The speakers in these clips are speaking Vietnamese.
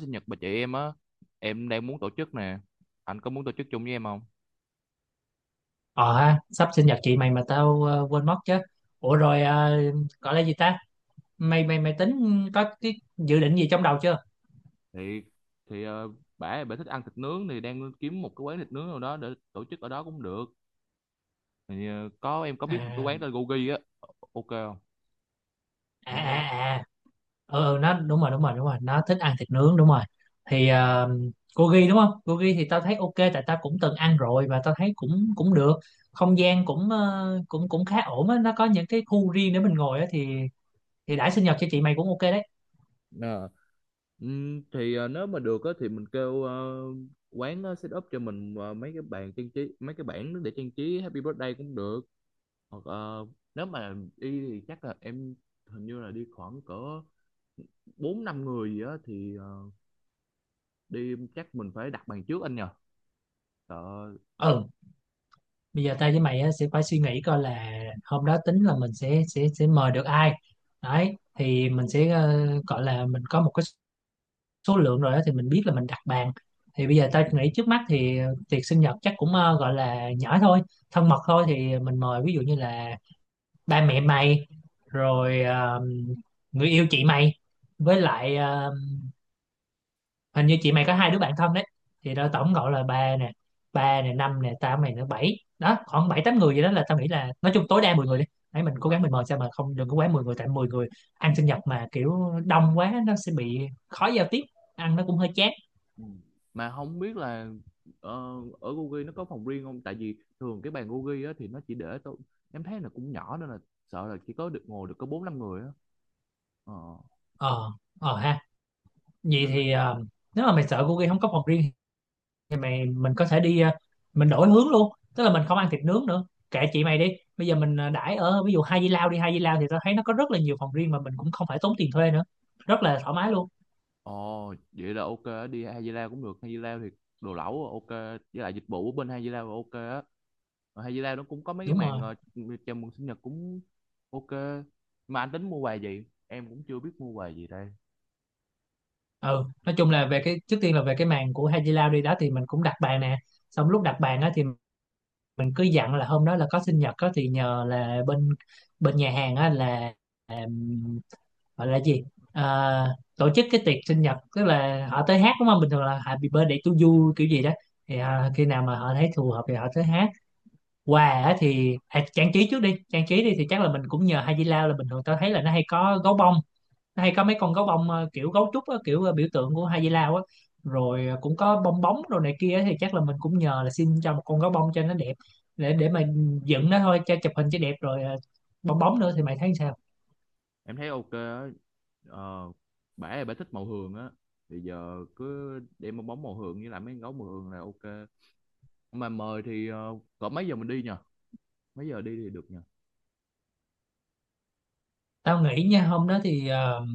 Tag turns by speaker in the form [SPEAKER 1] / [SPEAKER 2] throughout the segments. [SPEAKER 1] sinh nhật bà chị em á, em đang muốn tổ chức nè. Anh có muốn tổ chức chung với em không?
[SPEAKER 2] Ờ ha, sắp sinh nhật chị mày mà tao quên mất chứ. Ủa rồi gọi là gì ta? Mày mày mày tính có cái dự định gì trong đầu chưa?
[SPEAKER 1] Thì thì ờ, bả bả thích ăn thịt nướng thì đang kiếm một cái quán thịt nướng nào đó để tổ chức ở đó cũng được. Có em có biết một cái
[SPEAKER 2] À
[SPEAKER 1] quán tên Gogi á, ok không?
[SPEAKER 2] à
[SPEAKER 1] Mình
[SPEAKER 2] à
[SPEAKER 1] theo.
[SPEAKER 2] à. Nó đúng rồi, nó thích ăn thịt nướng đúng rồi. Thì ờ, gogi đúng không? Gogi thì tao thấy ok tại tao cũng từng ăn rồi và tao thấy cũng cũng được. Không gian cũng cũng cũng khá ổn á, nó có những cái khu riêng để mình ngồi á thì đãi sinh nhật cho chị mày cũng ok đấy.
[SPEAKER 1] Ờ. Nếu mà được á thì mình kêu quán, set up cho mình mấy cái bàn trang trí, mấy cái bảng để trang trí Happy Birthday cũng được. Hoặc nếu mà đi thì chắc là em hình như là đi khoảng cỡ bốn năm người gì á thì đi chắc mình phải đặt bàn trước anh nhờ, sợ.
[SPEAKER 2] Ừ, bây giờ tao với mày á, sẽ phải suy nghĩ coi là hôm đó tính là mình sẽ mời được ai đấy thì mình sẽ gọi là mình có một cái số lượng rồi đó thì mình biết là mình đặt bàn. Thì bây giờ tao nghĩ trước mắt thì tiệc sinh nhật chắc cũng gọi là nhỏ thôi, thân mật thôi, thì mình mời ví dụ như là ba mẹ mày, rồi người yêu chị mày, với lại hình như chị mày có hai đứa bạn thân đấy, thì đó tổng cộng là ba nè, ba nè, năm nè, tao mày nữa bảy, đó khoảng bảy tám người. Vậy đó là tao nghĩ là nói chung tối đa 10 người đi, ấy mình cố
[SPEAKER 1] Ờ.
[SPEAKER 2] gắng mình mời sao mà không, đừng có quá 10 người, tại 10 người ăn sinh nhật mà kiểu đông quá nó sẽ bị khó giao tiếp, ăn nó cũng hơi chán.
[SPEAKER 1] Ừ. Mà không biết là ờ, ở Gogi nó có phòng riêng không, tại vì thường cái bàn Gogi á thì nó chỉ để tôi em thấy là cũng nhỏ, nên là sợ là chỉ có được ngồi được có bốn năm người á, ờ,
[SPEAKER 2] Ờ ờ ha, vậy
[SPEAKER 1] nên là
[SPEAKER 2] thì nếu mà mày sợ cô kia không có phòng riêng thì mình có thể đi, mình đổi hướng luôn, tức là mình không ăn thịt nướng nữa, kệ chị mày đi, bây giờ mình đãi ở ví dụ Hai Di Lao đi. Hai Di Lao thì tao thấy nó có rất là nhiều phòng riêng mà mình cũng không phải tốn tiền thuê nữa, rất là thoải mái luôn.
[SPEAKER 1] ồ vậy là ok á, đi Hai Di Lao cũng được. Hai Di Lao thì đồ lẩu ok, với lại dịch vụ ở bên Hai Di Lao là ok á. Ở Hai Di Lao nó cũng có mấy cái
[SPEAKER 2] Đúng
[SPEAKER 1] màn
[SPEAKER 2] rồi,
[SPEAKER 1] chào mừng sinh nhật cũng ok. Mà anh tính mua quà gì em cũng chưa biết mua quà gì đây.
[SPEAKER 2] ừ, nói chung là về cái, trước tiên là về cái màn của Hai Di Lao đi, đó thì mình cũng đặt bàn nè, xong lúc đặt bàn á thì mình cứ dặn là hôm đó là có sinh nhật á thì nhờ là bên bên nhà hàng á là gọi là gì, à, tổ chức cái tiệc sinh nhật, tức là họ tới hát đúng không, bình thường là happy birthday to you kiểu gì đó, thì à, khi nào mà họ thấy phù hợp thì họ tới hát. Quà á thì à, trang trí trước đi, trang trí đi thì chắc là mình cũng nhờ Hai Di Lao, là bình thường tao thấy là nó hay có gấu bông, nó hay có mấy con gấu bông kiểu gấu trúc á, kiểu biểu tượng của Hai Di Lao á, rồi cũng có bong bóng đồ này kia á, thì chắc là mình cũng nhờ là xin cho một con gấu bông cho nó đẹp để mà dựng nó thôi cho chụp hình cho đẹp, rồi bong bóng nữa, thì mày thấy sao?
[SPEAKER 1] Em thấy ok á. ờ, Bả là bả thích màu hường á, thì giờ cứ đem bong bóng màu hường với lại mấy con gấu màu hường là ok. Mà mời thì cỡ mấy giờ mình đi nhờ, mấy giờ đi thì được nhờ?
[SPEAKER 2] Tao nghĩ nha, hôm đó thì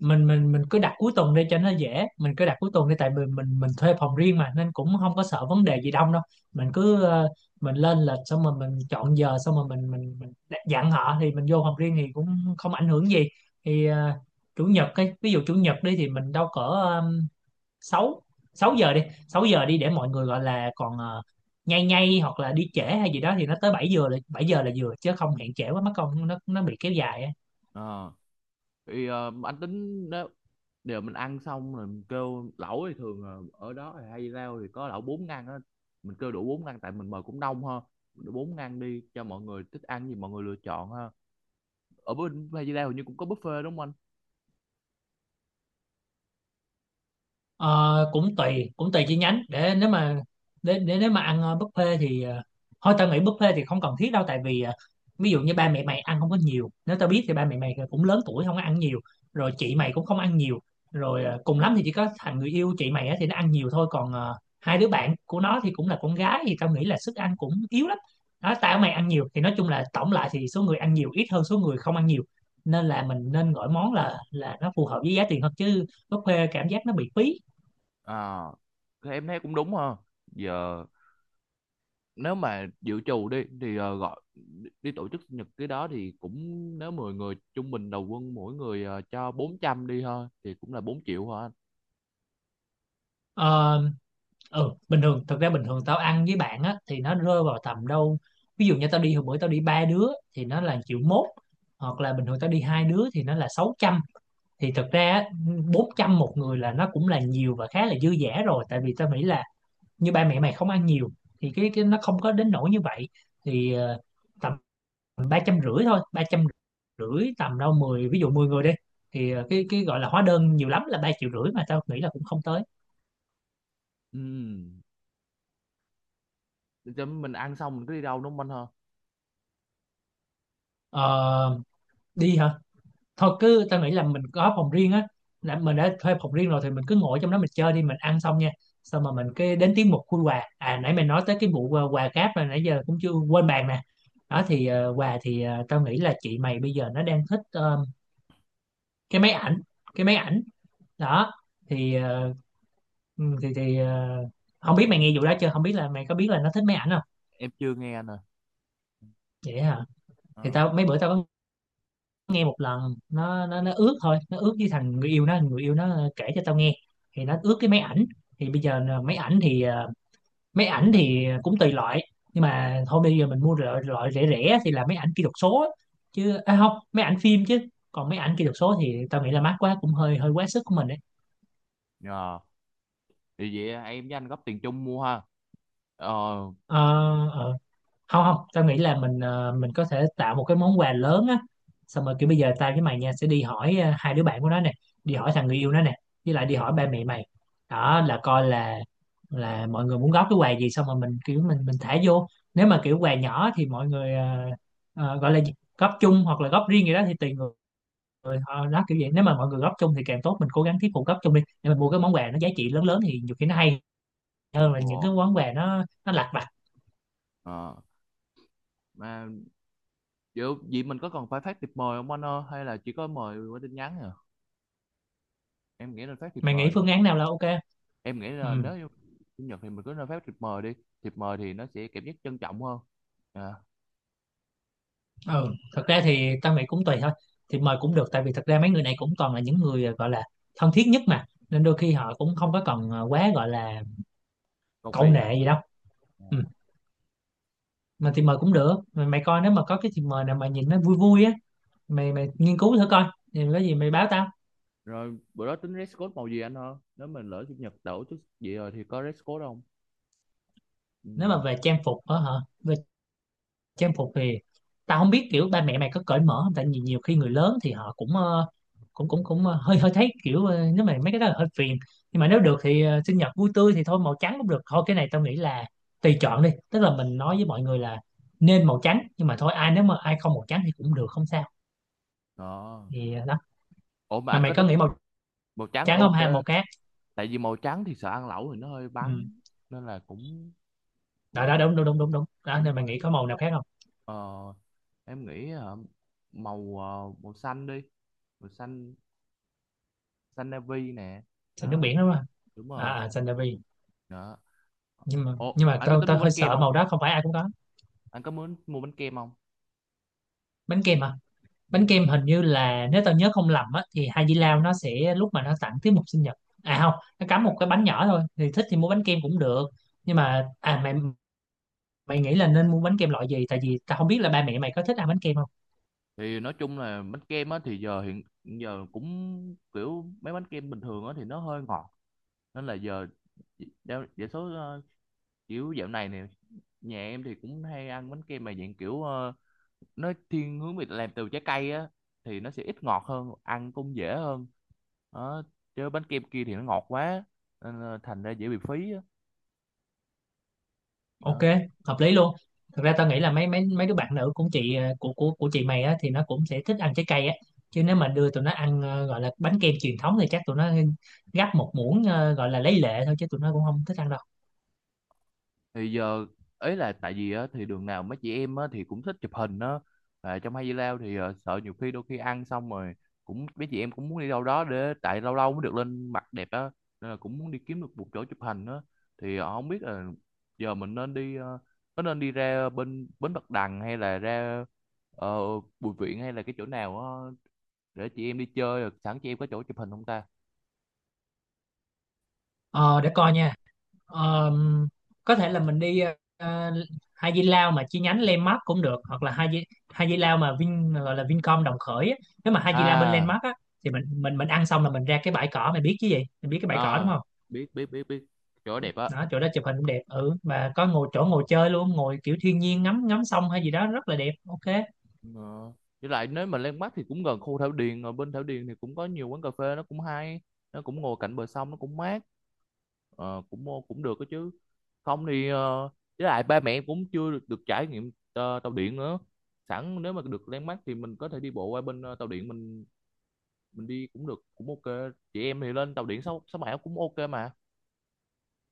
[SPEAKER 2] mình cứ đặt cuối tuần đi cho nó dễ, mình cứ đặt cuối tuần đi tại vì mình thuê phòng riêng mà nên cũng không có sợ vấn đề gì đông đâu. Mình cứ mình lên lịch xong rồi mình chọn giờ xong rồi mình dặn họ, thì mình vô phòng riêng thì cũng không ảnh hưởng gì. Thì chủ nhật, cái ví dụ chủ nhật đi thì mình đâu cỡ sáu, 6 giờ đi, 6 giờ đi để mọi người gọi là còn nhay nhay hoặc là đi trễ hay gì đó thì nó tới 7 giờ, là 7 giờ là vừa chứ không hẹn trễ quá mất công nó bị kéo dài á.
[SPEAKER 1] Ờ, thì anh tính nếu đều mình ăn xong rồi mình kêu lẩu thì thường là ở đó thì hay rau thì có lẩu bốn ngăn á, mình kêu đủ bốn ngăn tại mình mời cũng đông ha. Đủ bốn ngăn đi cho mọi người thích ăn gì mọi người lựa chọn ha. Ở bên Hay Di Lao hình như cũng có buffet đúng không anh?
[SPEAKER 2] Ờ, cũng tùy, cũng tùy chi nhánh. Để nếu mà để nếu mà ăn buffet thì thôi tao nghĩ buffet thì không cần thiết đâu, tại vì ví dụ như ba mẹ mày ăn không có nhiều, nếu tao biết thì ba mẹ mày cũng lớn tuổi không có ăn nhiều, rồi chị mày cũng không ăn nhiều, rồi cùng lắm thì chỉ có thằng người yêu chị mày á thì nó ăn nhiều thôi, còn hai đứa bạn của nó thì cũng là con gái thì tao nghĩ là sức ăn cũng yếu lắm. Đó, tao mày ăn nhiều thì nói chung là tổng lại thì số người ăn nhiều ít hơn số người không ăn nhiều, nên là mình nên gọi món là nó phù hợp với giá tiền hơn, chứ buffet cảm giác nó bị phí.
[SPEAKER 1] À, thì em thấy cũng đúng ha. Giờ nếu mà dự trù đi thì gọi đi, tổ chức sinh nhật cái đó thì cũng, nếu 10 người trung bình đầu quân mỗi người cho 400 đi thôi thì cũng là 4 triệu hả anh?
[SPEAKER 2] Ờ, ừ, bình thường, thực ra bình thường tao ăn với bạn á thì nó rơi vào tầm đâu, ví dụ như tao đi hồi bữa tao đi ba đứa thì nó là triệu mốt, hoặc là bình thường tao đi hai đứa thì nó là sáu trăm, thì thực ra á, 400 một người là nó cũng là nhiều và khá là dư dả rồi, tại vì tao nghĩ là như ba mẹ mày không ăn nhiều thì cái nó không có đến nỗi như vậy, thì tầm ba trăm rưỡi thôi, ba trăm rưỡi, tầm đâu mười, ví dụ 10 người đi thì cái gọi là hóa đơn nhiều lắm là ba triệu rưỡi mà tao nghĩ là cũng không tới.
[SPEAKER 1] Ừ. Chứ mình ăn xong mình cứ đi đâu đúng không anh ha?
[SPEAKER 2] Ờ, đi hả, thôi cứ tao nghĩ là mình có phòng riêng á, là mình đã thuê phòng riêng rồi thì mình cứ ngồi trong đó mình chơi đi, mình ăn xong nha, xong mà mình cái đến tiết mục khui quà, à nãy mày nói tới cái vụ quà cáp là nãy giờ cũng chưa quên bàn nè. Đó thì quà thì tao nghĩ là chị mày bây giờ nó đang thích cái máy ảnh, cái máy ảnh. Đó thì ừ, thì không biết mày nghe vụ đó chưa, không biết là mày có biết là nó thích máy ảnh không.
[SPEAKER 1] Em chưa nghe nè. À.
[SPEAKER 2] Vậy hả, thì
[SPEAKER 1] Ờ.
[SPEAKER 2] tao mấy bữa tao có nghe một lần, nó ước thôi, nó ước với thằng người yêu nó, người yêu nó kể cho tao nghe, thì nó ước cái máy ảnh. Thì bây giờ là máy ảnh thì máy ảnh thì cũng tùy loại, nhưng mà thôi bây giờ mình mua loại rẻ rẻ thì là máy ảnh kỹ thuật số á, chứ à không, máy ảnh phim chứ, còn máy ảnh kỹ thuật số thì tao nghĩ là mắc quá cũng hơi hơi quá sức của mình đấy.
[SPEAKER 1] Ờ, thì vậy em với anh góp tiền chung mua ha. Ờ
[SPEAKER 2] Ờ, ờ. Không không, tao nghĩ là mình mình có thể tạo một cái món quà lớn á, xong rồi kiểu bây giờ tao với mày nha sẽ đi hỏi hai đứa bạn của nó nè, đi hỏi thằng người yêu nó nè, với lại đi hỏi ba mẹ mày, đó là coi là mọi người muốn góp cái quà gì, xong rồi mình kiểu mình thả vô, nếu mà kiểu quà nhỏ thì mọi người gọi là gì, góp chung hoặc là góp riêng gì đó thì tùy người, họ đó kiểu vậy, nếu mà mọi người góp chung thì càng tốt, mình cố gắng thuyết phục góp chung đi để mình mua cái món quà nó giá trị lớn lớn thì nhiều khi nó hay hơn là những
[SPEAKER 1] ồ,
[SPEAKER 2] cái món quà nó lặt vặt.
[SPEAKER 1] ờ Mà vậy, vậy mình có cần phải phát thiệp mời không anh ơi, hay là chỉ có mời qua tin nhắn? À, em nghĩ nên phát thiệp
[SPEAKER 2] Mày nghĩ
[SPEAKER 1] mời đi.
[SPEAKER 2] phương án nào là ok?
[SPEAKER 1] Em nghĩ là nếu
[SPEAKER 2] Ừ,
[SPEAKER 1] như chủ nhật thì mình cứ nên phát thiệp mời đi, thiệp mời thì nó sẽ cảm giác trân trọng hơn. à,
[SPEAKER 2] ừ thật ra thì tao nghĩ cũng tùy thôi, thì mời cũng được tại vì thật ra mấy người này cũng toàn là những người à, gọi là thân thiết nhất mà, nên đôi khi họ cũng không có cần quá gọi là
[SPEAKER 1] Cầu
[SPEAKER 2] cậu
[SPEAKER 1] kỳ hả?
[SPEAKER 2] nệ gì đâu.
[SPEAKER 1] Ờ.
[SPEAKER 2] Ừ, mà thì mời cũng được mày, mày coi nếu mà có cái thì mời nào mà nhìn nó vui vui á, mày mày nghiên cứu thử coi, thì có gì mày báo tao.
[SPEAKER 1] Rồi bữa đó tính dress code màu gì anh hơn, nếu mình lỡ chủ nhật đổ chút gì rồi thì có dress code không? Ừ.
[SPEAKER 2] Nếu mà về trang phục á hả, về trang phục thì tao không biết kiểu ba mẹ mày có cởi mở không, tại vì nhiều khi người lớn thì họ cũng cũng cũng cũng ờ, hơi hơi thấy kiểu nếu mà mấy cái đó là hơi phiền, nhưng mà nếu được thì sinh nhật vui tươi thì thôi màu trắng cũng được thôi, cái này tao nghĩ là tùy chọn đi, tức là mình nói với mọi người là nên màu trắng nhưng mà thôi ai nếu mà ai không màu trắng thì cũng được, không sao.
[SPEAKER 1] Đó.
[SPEAKER 2] Thì đó,
[SPEAKER 1] Ủa mà
[SPEAKER 2] mà
[SPEAKER 1] anh
[SPEAKER 2] mày
[SPEAKER 1] có
[SPEAKER 2] có nghĩ
[SPEAKER 1] tính
[SPEAKER 2] màu
[SPEAKER 1] màu trắng là
[SPEAKER 2] trắng không, hay màu
[SPEAKER 1] ok.
[SPEAKER 2] khác?
[SPEAKER 1] Tại vì màu trắng thì sợ ăn lẩu thì nó hơi
[SPEAKER 2] Ừ,
[SPEAKER 1] bắn, nên là cũng
[SPEAKER 2] đó đó
[SPEAKER 1] cũng
[SPEAKER 2] đúng đúng đúng đúng đúng, đó
[SPEAKER 1] cũng
[SPEAKER 2] nên mày
[SPEAKER 1] hơi.
[SPEAKER 2] nghĩ có màu nào khác không?
[SPEAKER 1] ờ, em nghĩ màu, màu xanh đi, màu xanh, xanh navy nè.
[SPEAKER 2] Xanh nước
[SPEAKER 1] Đó,
[SPEAKER 2] biển đúng không?
[SPEAKER 1] đúng
[SPEAKER 2] À,
[SPEAKER 1] rồi,
[SPEAKER 2] à xanh,
[SPEAKER 1] đó.
[SPEAKER 2] nhưng mà
[SPEAKER 1] Ủa anh có
[SPEAKER 2] tao
[SPEAKER 1] tính
[SPEAKER 2] tao
[SPEAKER 1] mua bánh
[SPEAKER 2] hơi
[SPEAKER 1] kem
[SPEAKER 2] sợ
[SPEAKER 1] không,
[SPEAKER 2] màu đó không phải ai cũng có.
[SPEAKER 1] anh có muốn mua bánh kem không?
[SPEAKER 2] Bánh kem hả?
[SPEAKER 1] Ừ.
[SPEAKER 2] Bánh kem hình như là nếu tao nhớ không lầm á thì Hai Di Lao nó sẽ lúc mà nó tặng tiết mục sinh nhật, à không, nó cắm một cái bánh nhỏ thôi, thì thích thì mua bánh kem cũng được, nhưng mà à mày mày nghĩ là nên mua bánh kem loại gì, tại vì tao không biết là ba mẹ mày có thích ăn bánh kem không.
[SPEAKER 1] Thì nói chung là bánh kem á thì giờ hiện hiện giờ cũng kiểu mấy bánh kem bình thường á thì nó hơi ngọt, nên là giờ đa đa số, kiểu dạo này nè, nhà em thì cũng hay ăn bánh kem mà dạng kiểu nó thiên hướng về làm từ trái cây á, thì nó sẽ ít ngọt hơn, ăn cũng dễ hơn đó. Chứ bánh kem kia thì nó ngọt quá, nên là thành ra dễ bị phí á.
[SPEAKER 2] Ok,
[SPEAKER 1] Đó.
[SPEAKER 2] hợp lý luôn. Thực ra tao nghĩ là mấy mấy mấy đứa bạn nữ cũng chị của chị mày á thì nó cũng sẽ thích ăn trái cây á, chứ nếu mà đưa tụi nó ăn gọi là bánh kem truyền thống thì chắc tụi nó gắp một muỗng, gọi là lấy lệ thôi chứ tụi nó cũng không thích ăn đâu.
[SPEAKER 1] Thì giờ ấy là tại vì á thì đường nào mấy chị em á thì cũng thích chụp hình á. À, trong Hay Đi Lao thì sợ nhiều khi đôi khi ăn xong rồi cũng mấy chị em cũng muốn đi đâu đó, để tại lâu lâu mới được lên mặt đẹp á, nên là cũng muốn đi kiếm được một chỗ chụp hình á. Thì không biết là giờ mình nên đi, có nên đi ra bên bến Bạch Đằng hay là ra ờ, Bùi Viện hay là cái chỗ nào á, để chị em đi chơi rồi sẵn chị em có chỗ chụp hình không ta?
[SPEAKER 2] Ờ để coi nha. Ờm, có thể là mình đi ờ, Hai Di Lao mà chi nhánh Landmark cũng được, hoặc là Hai Di Lao mà Vin, gọi là Vincom đồng khởi á. Nếu mà Hai Di Lao bên
[SPEAKER 1] À,
[SPEAKER 2] Landmark á thì mình ăn xong là mình ra cái bãi cỏ, mày biết chứ gì, mày biết cái bãi cỏ đúng
[SPEAKER 1] à,
[SPEAKER 2] không?
[SPEAKER 1] biết, biết, biết, biết. Chỗ đẹp á.
[SPEAKER 2] Đó, chỗ đó chụp hình cũng đẹp, ừ và có ngồi, chỗ ngồi chơi luôn, ngồi kiểu thiên nhiên, ngắm ngắm sông hay gì đó rất là đẹp. Ok,
[SPEAKER 1] Ờ. Với lại nếu mà Landmark mắt thì cũng gần khu Thảo Điền. Ở bên Thảo Điền thì cũng có nhiều quán cà phê, nó cũng hay, nó cũng ngồi cạnh bờ sông, nó cũng mát. Ờ, cũng cũng được đó chứ. Không thì với lại ba mẹ cũng chưa được, được trải nghiệm tàu điện nữa. Sẵn nếu mà được Landmark mắt thì mình có thể đi bộ qua bên tàu điện. Mình đi cũng được, cũng ok. Chị em thì lên tàu điện 667 cũng ok mà.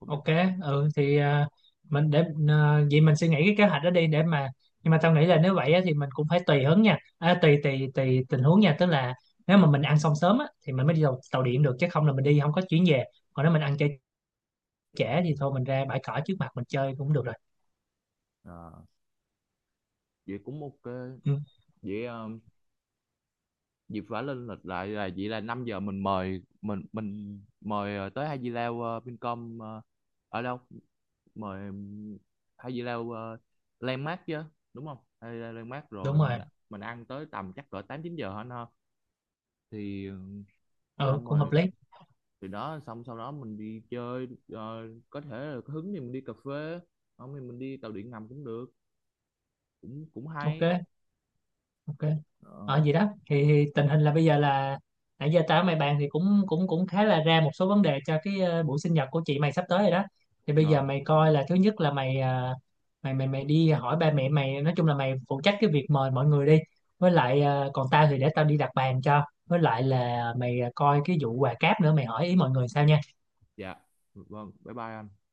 [SPEAKER 1] Cũng đang
[SPEAKER 2] ok.
[SPEAKER 1] hết.
[SPEAKER 2] Ừ thì à, mình để à, vậy mình suy nghĩ cái kế hoạch đó đi để mà, nhưng mà tao nghĩ là nếu vậy á, thì mình cũng phải tùy hứng nha, à, tùy tùy tùy tình huống nha, tức là nếu mà mình ăn xong sớm á, thì mình mới đi tàu điện được chứ không là mình đi không có chuyến về, còn nếu mình ăn chơi trễ thì thôi mình ra bãi cỏ trước mặt mình chơi cũng được rồi.
[SPEAKER 1] Ờ, vậy cũng ok.
[SPEAKER 2] Ừ,
[SPEAKER 1] Vậy dịp vả lên lịch lại là vậy, là 5 giờ mình mời, mình mời tới Hai Di Lao, Vincom, ở đâu? Mời Hai Di Lao, Landmark chứ đúng không? Hai Di Lao Landmark.
[SPEAKER 2] đúng
[SPEAKER 1] Rồi mình
[SPEAKER 2] rồi,
[SPEAKER 1] mình ăn tới tầm chắc cỡ 8 9 giờ hả nó. Thì
[SPEAKER 2] ừ
[SPEAKER 1] xong
[SPEAKER 2] cũng hợp
[SPEAKER 1] rồi,
[SPEAKER 2] lý.
[SPEAKER 1] thì đó, xong sau đó mình đi chơi, có thể là có hứng thì mình đi cà phê, không thì mình đi tàu điện ngầm cũng được, cũng cũng
[SPEAKER 2] Ok,
[SPEAKER 1] hay.
[SPEAKER 2] ok,
[SPEAKER 1] Ờ,
[SPEAKER 2] ở gì đó thì tình hình là bây giờ là nãy giờ tao với mày bàn thì cũng cũng cũng khá là ra một số vấn đề cho cái buổi sinh nhật của chị mày sắp tới rồi đó. Thì bây giờ
[SPEAKER 1] rồi
[SPEAKER 2] mày coi là thứ nhất là mày mày đi hỏi ba mẹ mày, nói chung là mày phụ trách cái việc mời mọi người đi, với lại còn tao thì để tao đi đặt bàn cho, với lại là mày coi cái vụ quà cáp nữa, mày hỏi ý mọi người sao nha.
[SPEAKER 1] dạ vâng, bye bye anh